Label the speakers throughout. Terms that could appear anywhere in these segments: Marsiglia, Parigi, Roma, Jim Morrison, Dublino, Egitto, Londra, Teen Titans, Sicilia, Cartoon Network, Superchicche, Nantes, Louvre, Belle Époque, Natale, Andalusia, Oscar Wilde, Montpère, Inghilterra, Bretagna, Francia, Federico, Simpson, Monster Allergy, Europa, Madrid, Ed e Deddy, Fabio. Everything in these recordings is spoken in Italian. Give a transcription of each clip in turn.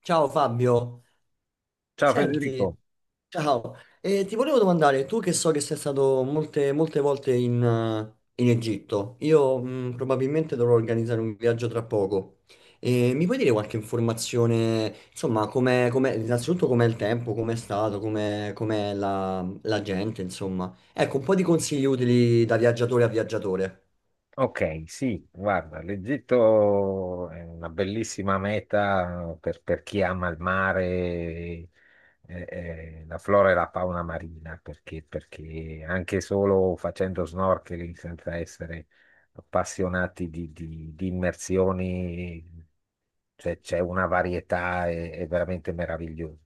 Speaker 1: Ciao Fabio,
Speaker 2: Ciao
Speaker 1: senti,
Speaker 2: Federico.
Speaker 1: ciao. Ti volevo domandare, tu che so che sei stato molte volte in Egitto. Io probabilmente dovrò organizzare un viaggio tra poco. Mi puoi dire qualche informazione, insomma, innanzitutto com'è il tempo, com'è la gente, insomma. Ecco, un po' di consigli utili da viaggiatore a viaggiatore.
Speaker 2: Ok, sì, guarda, l'Egitto è una bellissima meta per chi ama il mare, e la flora e la fauna marina, perché anche solo facendo snorkeling senza essere appassionati di immersioni, cioè, c'è una varietà, è veramente meravigliosa.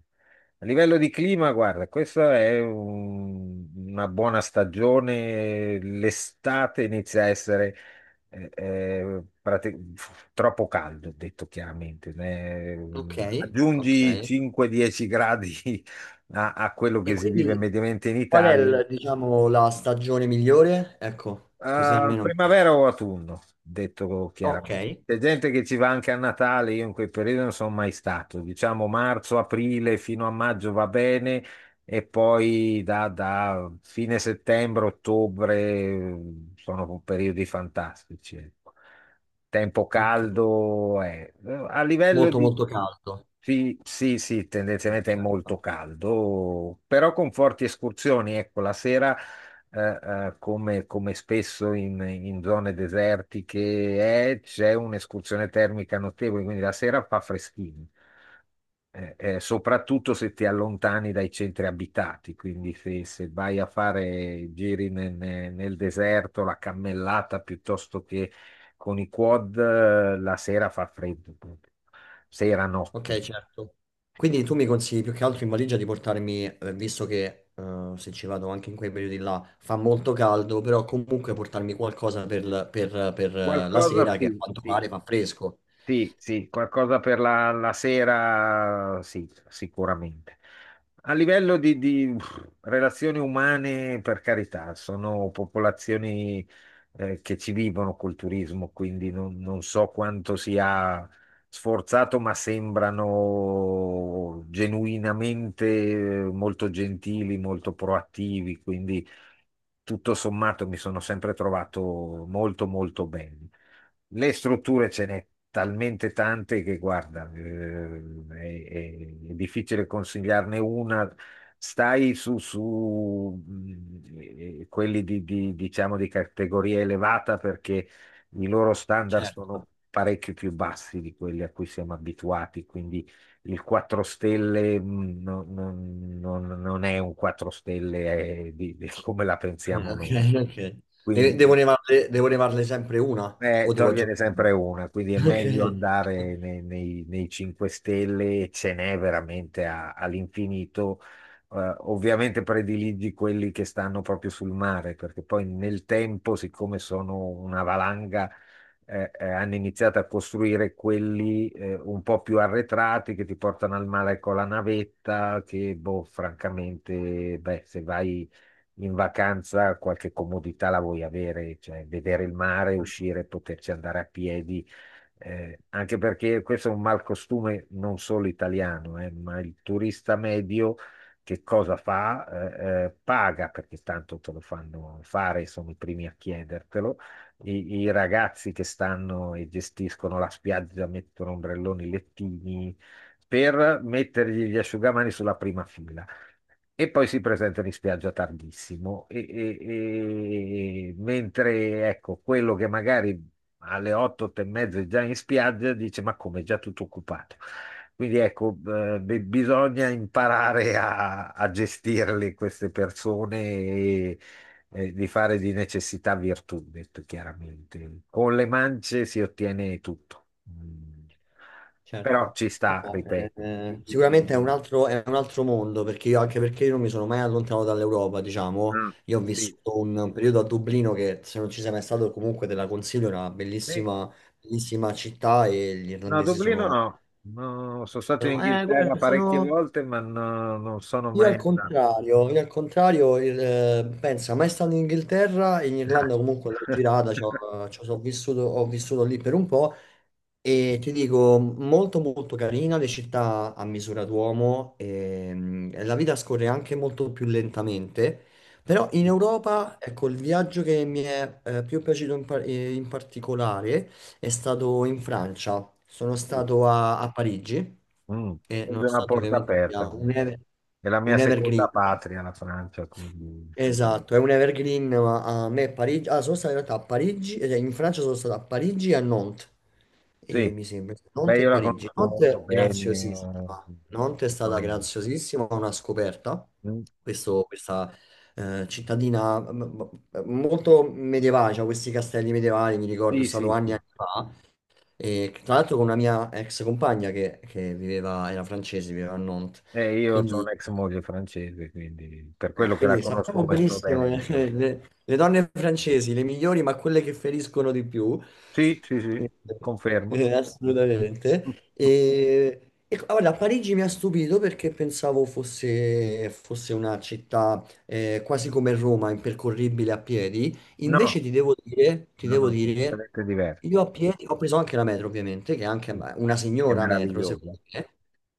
Speaker 2: A livello di clima, guarda, questa è una buona stagione, l'estate inizia a essere eh, eh, prati- troppo caldo, detto chiaramente.
Speaker 1: Ok, ok.
Speaker 2: Aggiungi 5-10 gradi a quello
Speaker 1: E
Speaker 2: che si vive
Speaker 1: quindi
Speaker 2: mediamente in
Speaker 1: qual è,
Speaker 2: Italia.
Speaker 1: il, diciamo, la stagione migliore? Ecco, così almeno.
Speaker 2: Primavera o autunno, detto
Speaker 1: Ok,
Speaker 2: chiaramente. C'è gente che ci va anche a Natale, io in quei periodi non sono mai stato. Diciamo marzo, aprile fino a maggio va bene, e poi da fine settembre, ottobre sono periodi fantastici, ecco, tempo
Speaker 1: ok.
Speaker 2: caldo. A livello
Speaker 1: Molto
Speaker 2: di.
Speaker 1: molto caldo.
Speaker 2: Sì, sì, sì, tendenzialmente è
Speaker 1: Certo.
Speaker 2: molto caldo, però con forti escursioni. Ecco, la sera, eh, come spesso in zone desertiche c'è un'escursione termica notevole, quindi la sera fa freschino. Soprattutto se ti allontani dai centri abitati, quindi se vai a fare giri nel deserto, la cammellata piuttosto che con i quad. La sera fa freddo, proprio. Sera, notte.
Speaker 1: Ok, certo. Quindi tu mi consigli più che altro in valigia di portarmi, visto che se ci vado anche in quei periodi là fa molto caldo, però comunque portarmi qualcosa per la
Speaker 2: Qualcosa
Speaker 1: sera che a
Speaker 2: sì,
Speaker 1: quanto
Speaker 2: sì.
Speaker 1: pare fa fresco.
Speaker 2: Sì, sì, qualcosa per la sera, sì, sicuramente. A livello di, relazioni umane, per carità, sono popolazioni che ci vivono col turismo, quindi non so quanto sia sforzato, ma sembrano genuinamente molto gentili, molto proattivi, quindi tutto sommato mi sono sempre trovato molto molto bene. Le strutture ce n'è talmente tante che, guarda, è difficile consigliarne una. Stai su, quelli diciamo, di categoria elevata, perché i loro standard
Speaker 1: Certo.
Speaker 2: sono parecchio più bassi di quelli a cui siamo abituati, quindi il 4 stelle non è un 4 stelle come la pensiamo
Speaker 1: Ok,
Speaker 2: noi.
Speaker 1: ok.
Speaker 2: Quindi
Speaker 1: Devo nevarle sempre una o devo
Speaker 2: togliene
Speaker 1: aggiungere?
Speaker 2: sempre una, quindi è meglio
Speaker 1: Ok.
Speaker 2: andare nei 5 Stelle, ce n'è veramente all'infinito. Ovviamente prediligi quelli che stanno proprio sul mare, perché poi nel tempo, siccome sono una valanga, hanno iniziato a costruire quelli un po' più arretrati che ti portano al mare con la navetta, che boh, francamente, beh, se vai in vacanza qualche comodità la vuoi avere, cioè vedere il mare, uscire, poterci andare a piedi. Anche perché questo è un mal costume non solo italiano. Ma il turista medio che cosa fa? Paga, perché tanto te lo fanno fare, sono i primi a chiedertelo. I ragazzi che stanno e gestiscono la spiaggia mettono ombrelloni, lettini per mettergli gli asciugamani sulla prima fila. E poi si presentano in spiaggia tardissimo, mentre ecco, quello che magari alle 8, 8 e mezza è già in spiaggia dice: "Ma come, è già tutto occupato." Quindi ecco, bisogna imparare a gestirle queste persone, e di fare di necessità virtù, detto chiaramente. Con le mance si ottiene tutto. Mm. Però
Speaker 1: Certo.
Speaker 2: ci sta,
Speaker 1: No,
Speaker 2: ripeto.
Speaker 1: sicuramente è un altro mondo perché anche perché io non mi sono mai allontanato dall'Europa, diciamo.
Speaker 2: Mm.
Speaker 1: Io ho
Speaker 2: Sì.
Speaker 1: vissuto un periodo a Dublino, che se non ci sei mai stato comunque te la consiglio. È una
Speaker 2: Sì.
Speaker 1: bellissima, bellissima città e gli
Speaker 2: No,
Speaker 1: irlandesi
Speaker 2: Dublino
Speaker 1: sono,
Speaker 2: no. No, sono stato in
Speaker 1: sono, eh,
Speaker 2: Inghilterra
Speaker 1: guarda,
Speaker 2: parecchie volte, ma no, non sono mai andato.
Speaker 1: io al contrario, pensa, mai stato in Inghilterra. In Irlanda comunque l'ho girata, ho vissuto lì per un po' e ti dico, molto molto carina, le città a misura d'uomo, e la vita scorre anche molto più lentamente. Però in Europa, ecco, il viaggio che mi è più piaciuto in particolare è stato in Francia. Sono
Speaker 2: Mm,
Speaker 1: stato a Parigi
Speaker 2: mm.
Speaker 1: e
Speaker 2: Sono di una
Speaker 1: nonostante
Speaker 2: porta
Speaker 1: ovviamente sia
Speaker 2: aperta. È la mia
Speaker 1: un
Speaker 2: seconda
Speaker 1: evergreen,
Speaker 2: patria, la Francia, quindi
Speaker 1: esatto, è un evergreen. Ma a me Parigi, ah, sono stato in realtà a Parigi, cioè in Francia sono stato a Parigi e a Nantes, e
Speaker 2: sì.
Speaker 1: mi sembra,
Speaker 2: Beh,
Speaker 1: Nantes e
Speaker 2: io la
Speaker 1: Parigi.
Speaker 2: conosco
Speaker 1: Nantes
Speaker 2: molto
Speaker 1: è graziosissima,
Speaker 2: bene.
Speaker 1: Nantes è
Speaker 2: eh,
Speaker 1: stata
Speaker 2: sono-
Speaker 1: graziosissima, una scoperta.
Speaker 2: mm,
Speaker 1: Questa cittadina molto medievale, cioè questi castelli medievali, mi ricordo, è
Speaker 2: Sì,
Speaker 1: stato
Speaker 2: sì,
Speaker 1: anni e
Speaker 2: sì.
Speaker 1: anni fa. E tra l'altro con una mia ex compagna che viveva, era francese, viveva a Nantes.
Speaker 2: Io ho
Speaker 1: Quindi,
Speaker 2: un'ex moglie francese, quindi per quello che la
Speaker 1: quindi
Speaker 2: conosco
Speaker 1: sappiamo
Speaker 2: molto
Speaker 1: benissimo
Speaker 2: bene.
Speaker 1: che le donne francesi, le migliori, ma quelle che feriscono di più,
Speaker 2: Sì, sì, sì,
Speaker 1: eh,
Speaker 2: confermo.
Speaker 1: assolutamente. E guarda, Parigi mi ha stupito perché pensavo fosse una città quasi come Roma, impercorribile a piedi.
Speaker 2: No,
Speaker 1: Invece ti
Speaker 2: no,
Speaker 1: devo
Speaker 2: no,
Speaker 1: dire,
Speaker 2: completamente diverso.
Speaker 1: io a piedi ho preso anche la metro, ovviamente, che è anche
Speaker 2: Sì.
Speaker 1: beh, una
Speaker 2: È
Speaker 1: signora metro,
Speaker 2: meraviglioso.
Speaker 1: secondo me.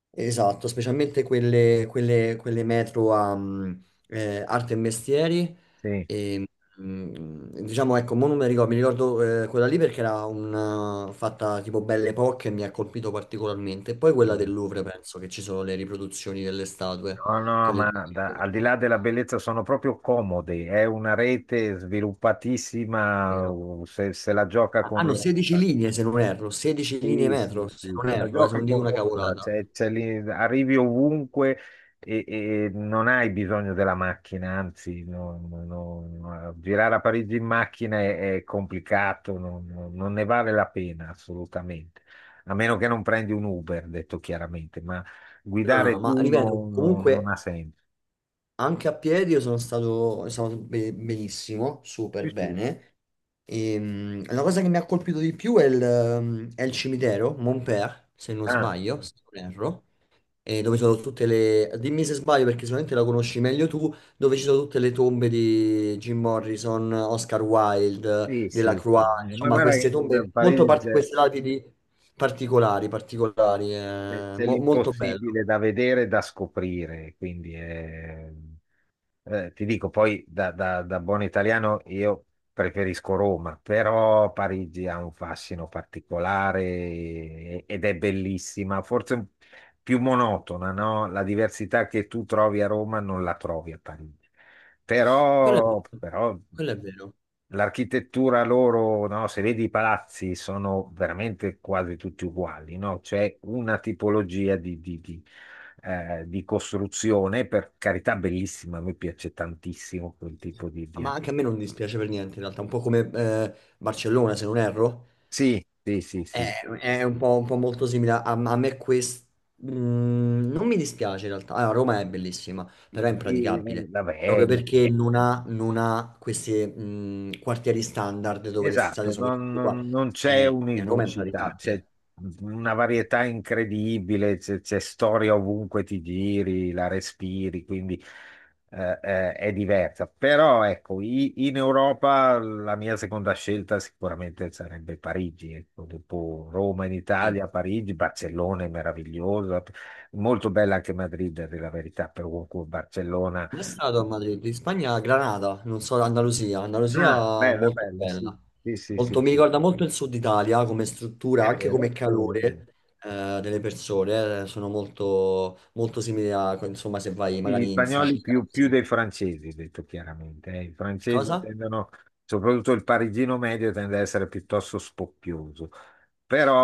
Speaker 1: Esatto, specialmente quelle metro a arte e mestieri.
Speaker 2: Sì.
Speaker 1: Ehm, Diciamo, ecco, mo non mi ricordo, mi ricordo quella lì perché era una fatta tipo Belle Époque e mi ha colpito particolarmente. E poi quella
Speaker 2: Mm.
Speaker 1: del Louvre, penso che ci sono le riproduzioni delle statue,
Speaker 2: No, no,
Speaker 1: quelle di-
Speaker 2: ma
Speaker 1: ecco,
Speaker 2: al di là della bellezza sono proprio comodi. È una rete sviluppatissima.
Speaker 1: vero?
Speaker 2: Se la gioca
Speaker 1: Ah,
Speaker 2: con
Speaker 1: hanno
Speaker 2: loro.
Speaker 1: 16 linee, se non erro, 16 linee
Speaker 2: Sì,
Speaker 1: metro,
Speaker 2: sì,
Speaker 1: se
Speaker 2: sì,
Speaker 1: non
Speaker 2: te la
Speaker 1: erro, se
Speaker 2: gioca
Speaker 1: non dico
Speaker 2: con
Speaker 1: una
Speaker 2: Londra,
Speaker 1: cavolata.
Speaker 2: cioè, lì arrivi ovunque, e non hai bisogno della macchina, anzi, no, no, no, no, girare a Parigi in macchina è complicato, non ne vale la pena assolutamente, a meno che non prendi un Uber, detto chiaramente, ma
Speaker 1: No, no, no,
Speaker 2: guidare
Speaker 1: ma
Speaker 2: tu
Speaker 1: ripeto,
Speaker 2: non
Speaker 1: comunque
Speaker 2: ha senso.
Speaker 1: anche a piedi io sono stato benissimo, super
Speaker 2: Sì, sì.
Speaker 1: bene. E, la cosa che mi ha colpito di più è il cimitero, Montpère, se non
Speaker 2: Ah, sì,
Speaker 1: sbaglio, se non erro, e dove ci sono tutte le... Dimmi se sbaglio perché sicuramente la conosci meglio tu, dove ci sono tutte le tombe di Jim Morrison, Oscar Wilde,
Speaker 2: sì, sì, sì.
Speaker 1: Delacroix,
Speaker 2: Ma
Speaker 1: insomma
Speaker 2: guarda,
Speaker 1: queste
Speaker 2: che
Speaker 1: tombe molto
Speaker 2: Parigi.
Speaker 1: particolari, queste lapidi particolari, particolari,
Speaker 2: C'è c'è
Speaker 1: molto bello.
Speaker 2: l'impossibile da vedere e da scoprire, quindi ti dico, poi da buon italiano io preferisco Roma, però Parigi ha un fascino particolare ed è bellissima, forse più monotona, no? La diversità che tu trovi a Roma non la trovi a Parigi,
Speaker 1: Quello è
Speaker 2: però,
Speaker 1: vero,
Speaker 2: però
Speaker 1: quello è vero.
Speaker 2: L'architettura loro, no, se vedi i palazzi, sono veramente quasi tutti uguali, no? C'è una tipologia di costruzione, per carità, bellissima, a me piace tantissimo quel
Speaker 1: Sì, sì.
Speaker 2: tipo di.
Speaker 1: Ma anche a me non dispiace per niente, in realtà, un po' come Barcellona, se non erro.
Speaker 2: Sì, sì, sì, sì.
Speaker 1: È un po' molto simile a, a me questo. Non mi dispiace in realtà. Allora, Roma è bellissima,
Speaker 2: Sì,
Speaker 1: però è
Speaker 2: sì, sì.
Speaker 1: impraticabile.
Speaker 2: Vabbè,
Speaker 1: Proprio perché non ha, non ha questi quartieri standard dove le strade
Speaker 2: esatto,
Speaker 1: sono tutte uguali.
Speaker 2: non c'è
Speaker 1: Eh, Roma è
Speaker 2: univocità, c'è
Speaker 1: impraticabile.
Speaker 2: una varietà incredibile, c'è storia ovunque ti giri, la respiri, quindi è diversa. Però ecco, in Europa la mia seconda scelta sicuramente sarebbe Parigi, ecco, dopo Roma in
Speaker 1: Sì.
Speaker 2: Italia, Parigi, Barcellona è meravigliosa, molto bella anche Madrid, è la verità, per Barcellona.
Speaker 1: Come è stato a Madrid? In Spagna, a Granada, non so, Andalusia.
Speaker 2: Ah,
Speaker 1: Andalusia
Speaker 2: bella,
Speaker 1: molto
Speaker 2: bella, sì,
Speaker 1: bella.
Speaker 2: sì, sì, sì,
Speaker 1: Mi
Speaker 2: sì.
Speaker 1: ricorda molto il sud Italia come struttura,
Speaker 2: È
Speaker 1: anche come
Speaker 2: vero, è vero.
Speaker 1: calore delle persone. Sono molto, molto simili a, insomma, se vai
Speaker 2: Sì, gli
Speaker 1: magari in
Speaker 2: spagnoli
Speaker 1: Sicilia.
Speaker 2: più
Speaker 1: Così.
Speaker 2: dei francesi, detto chiaramente. I francesi
Speaker 1: Cosa?
Speaker 2: tendono, soprattutto il parigino medio, tende ad essere piuttosto spocchioso.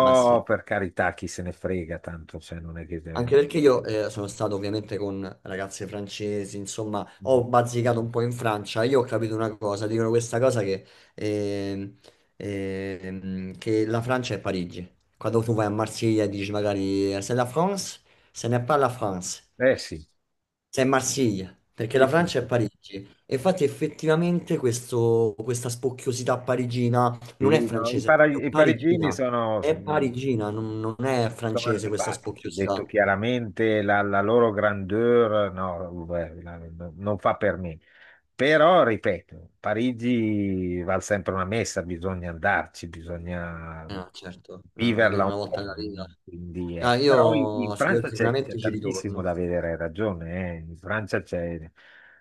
Speaker 1: Ma sì.
Speaker 2: per carità, chi se ne frega tanto, cioè non è che...
Speaker 1: Anche
Speaker 2: deve-
Speaker 1: perché io sono stato ovviamente con ragazze francesi, insomma,
Speaker 2: Mm.
Speaker 1: ho bazzicato un po' in Francia. Io ho capito una cosa, dicono questa cosa che, ehm, che la Francia è Parigi. Quando tu vai a Marsiglia e dici magari c'est la France, ce n'est pas la France,
Speaker 2: Eh sì,
Speaker 1: c'est Marsiglia, perché
Speaker 2: sì,
Speaker 1: la
Speaker 2: sì,
Speaker 1: Francia è
Speaker 2: sì.
Speaker 1: Parigi. E infatti effettivamente questa spocchiosità parigina non è
Speaker 2: Sì, no,
Speaker 1: francese, è proprio
Speaker 2: i parigini
Speaker 1: parigina. È parigina, non non è
Speaker 2: sono
Speaker 1: francese questa
Speaker 2: antipatici, detto
Speaker 1: spocchiosità.
Speaker 2: chiaramente, la loro grandeur no, beh, no, non fa per me. Però, ripeto, Parigi vale sempre una messa, bisogna andarci, bisogna
Speaker 1: Ah, certo, ah,
Speaker 2: viverla
Speaker 1: almeno una
Speaker 2: un
Speaker 1: volta
Speaker 2: po'.
Speaker 1: nella vita.
Speaker 2: Quindi,
Speaker 1: Ah,
Speaker 2: però in
Speaker 1: io, sì, io
Speaker 2: Francia c'è
Speaker 1: sicuramente
Speaker 2: c'è
Speaker 1: ci
Speaker 2: tantissimo
Speaker 1: ritorno.
Speaker 2: da vedere, hai ragione. In Francia c'è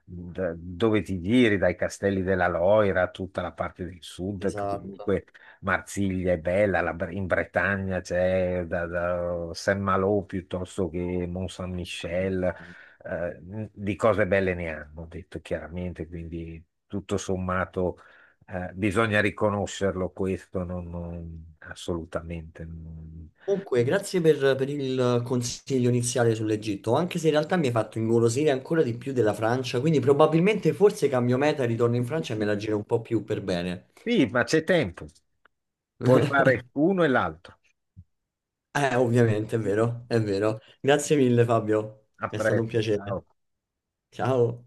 Speaker 2: dove ti giri, dai castelli della Loira, tutta la parte del sud, che
Speaker 1: Esatto.
Speaker 2: comunque Marsiglia è bella, in Bretagna c'è da Saint-Malo piuttosto che Mont-Saint-Michel. eh, di cose belle ne hanno, detto chiaramente, quindi tutto sommato bisogna riconoscerlo questo, assolutamente.
Speaker 1: Comunque, grazie per il consiglio iniziale sull'Egitto, anche se in realtà mi hai fatto ingolosire ancora di più della Francia, quindi probabilmente forse cambio meta e ritorno in Francia e me la giro un po' più per bene.
Speaker 2: Sì, ma c'è tempo, puoi fare uno e l'altro.
Speaker 1: Ovviamente, è vero, è vero. Grazie mille, Fabio,
Speaker 2: A
Speaker 1: è stato un
Speaker 2: presto,
Speaker 1: piacere.
Speaker 2: ciao.
Speaker 1: Ciao.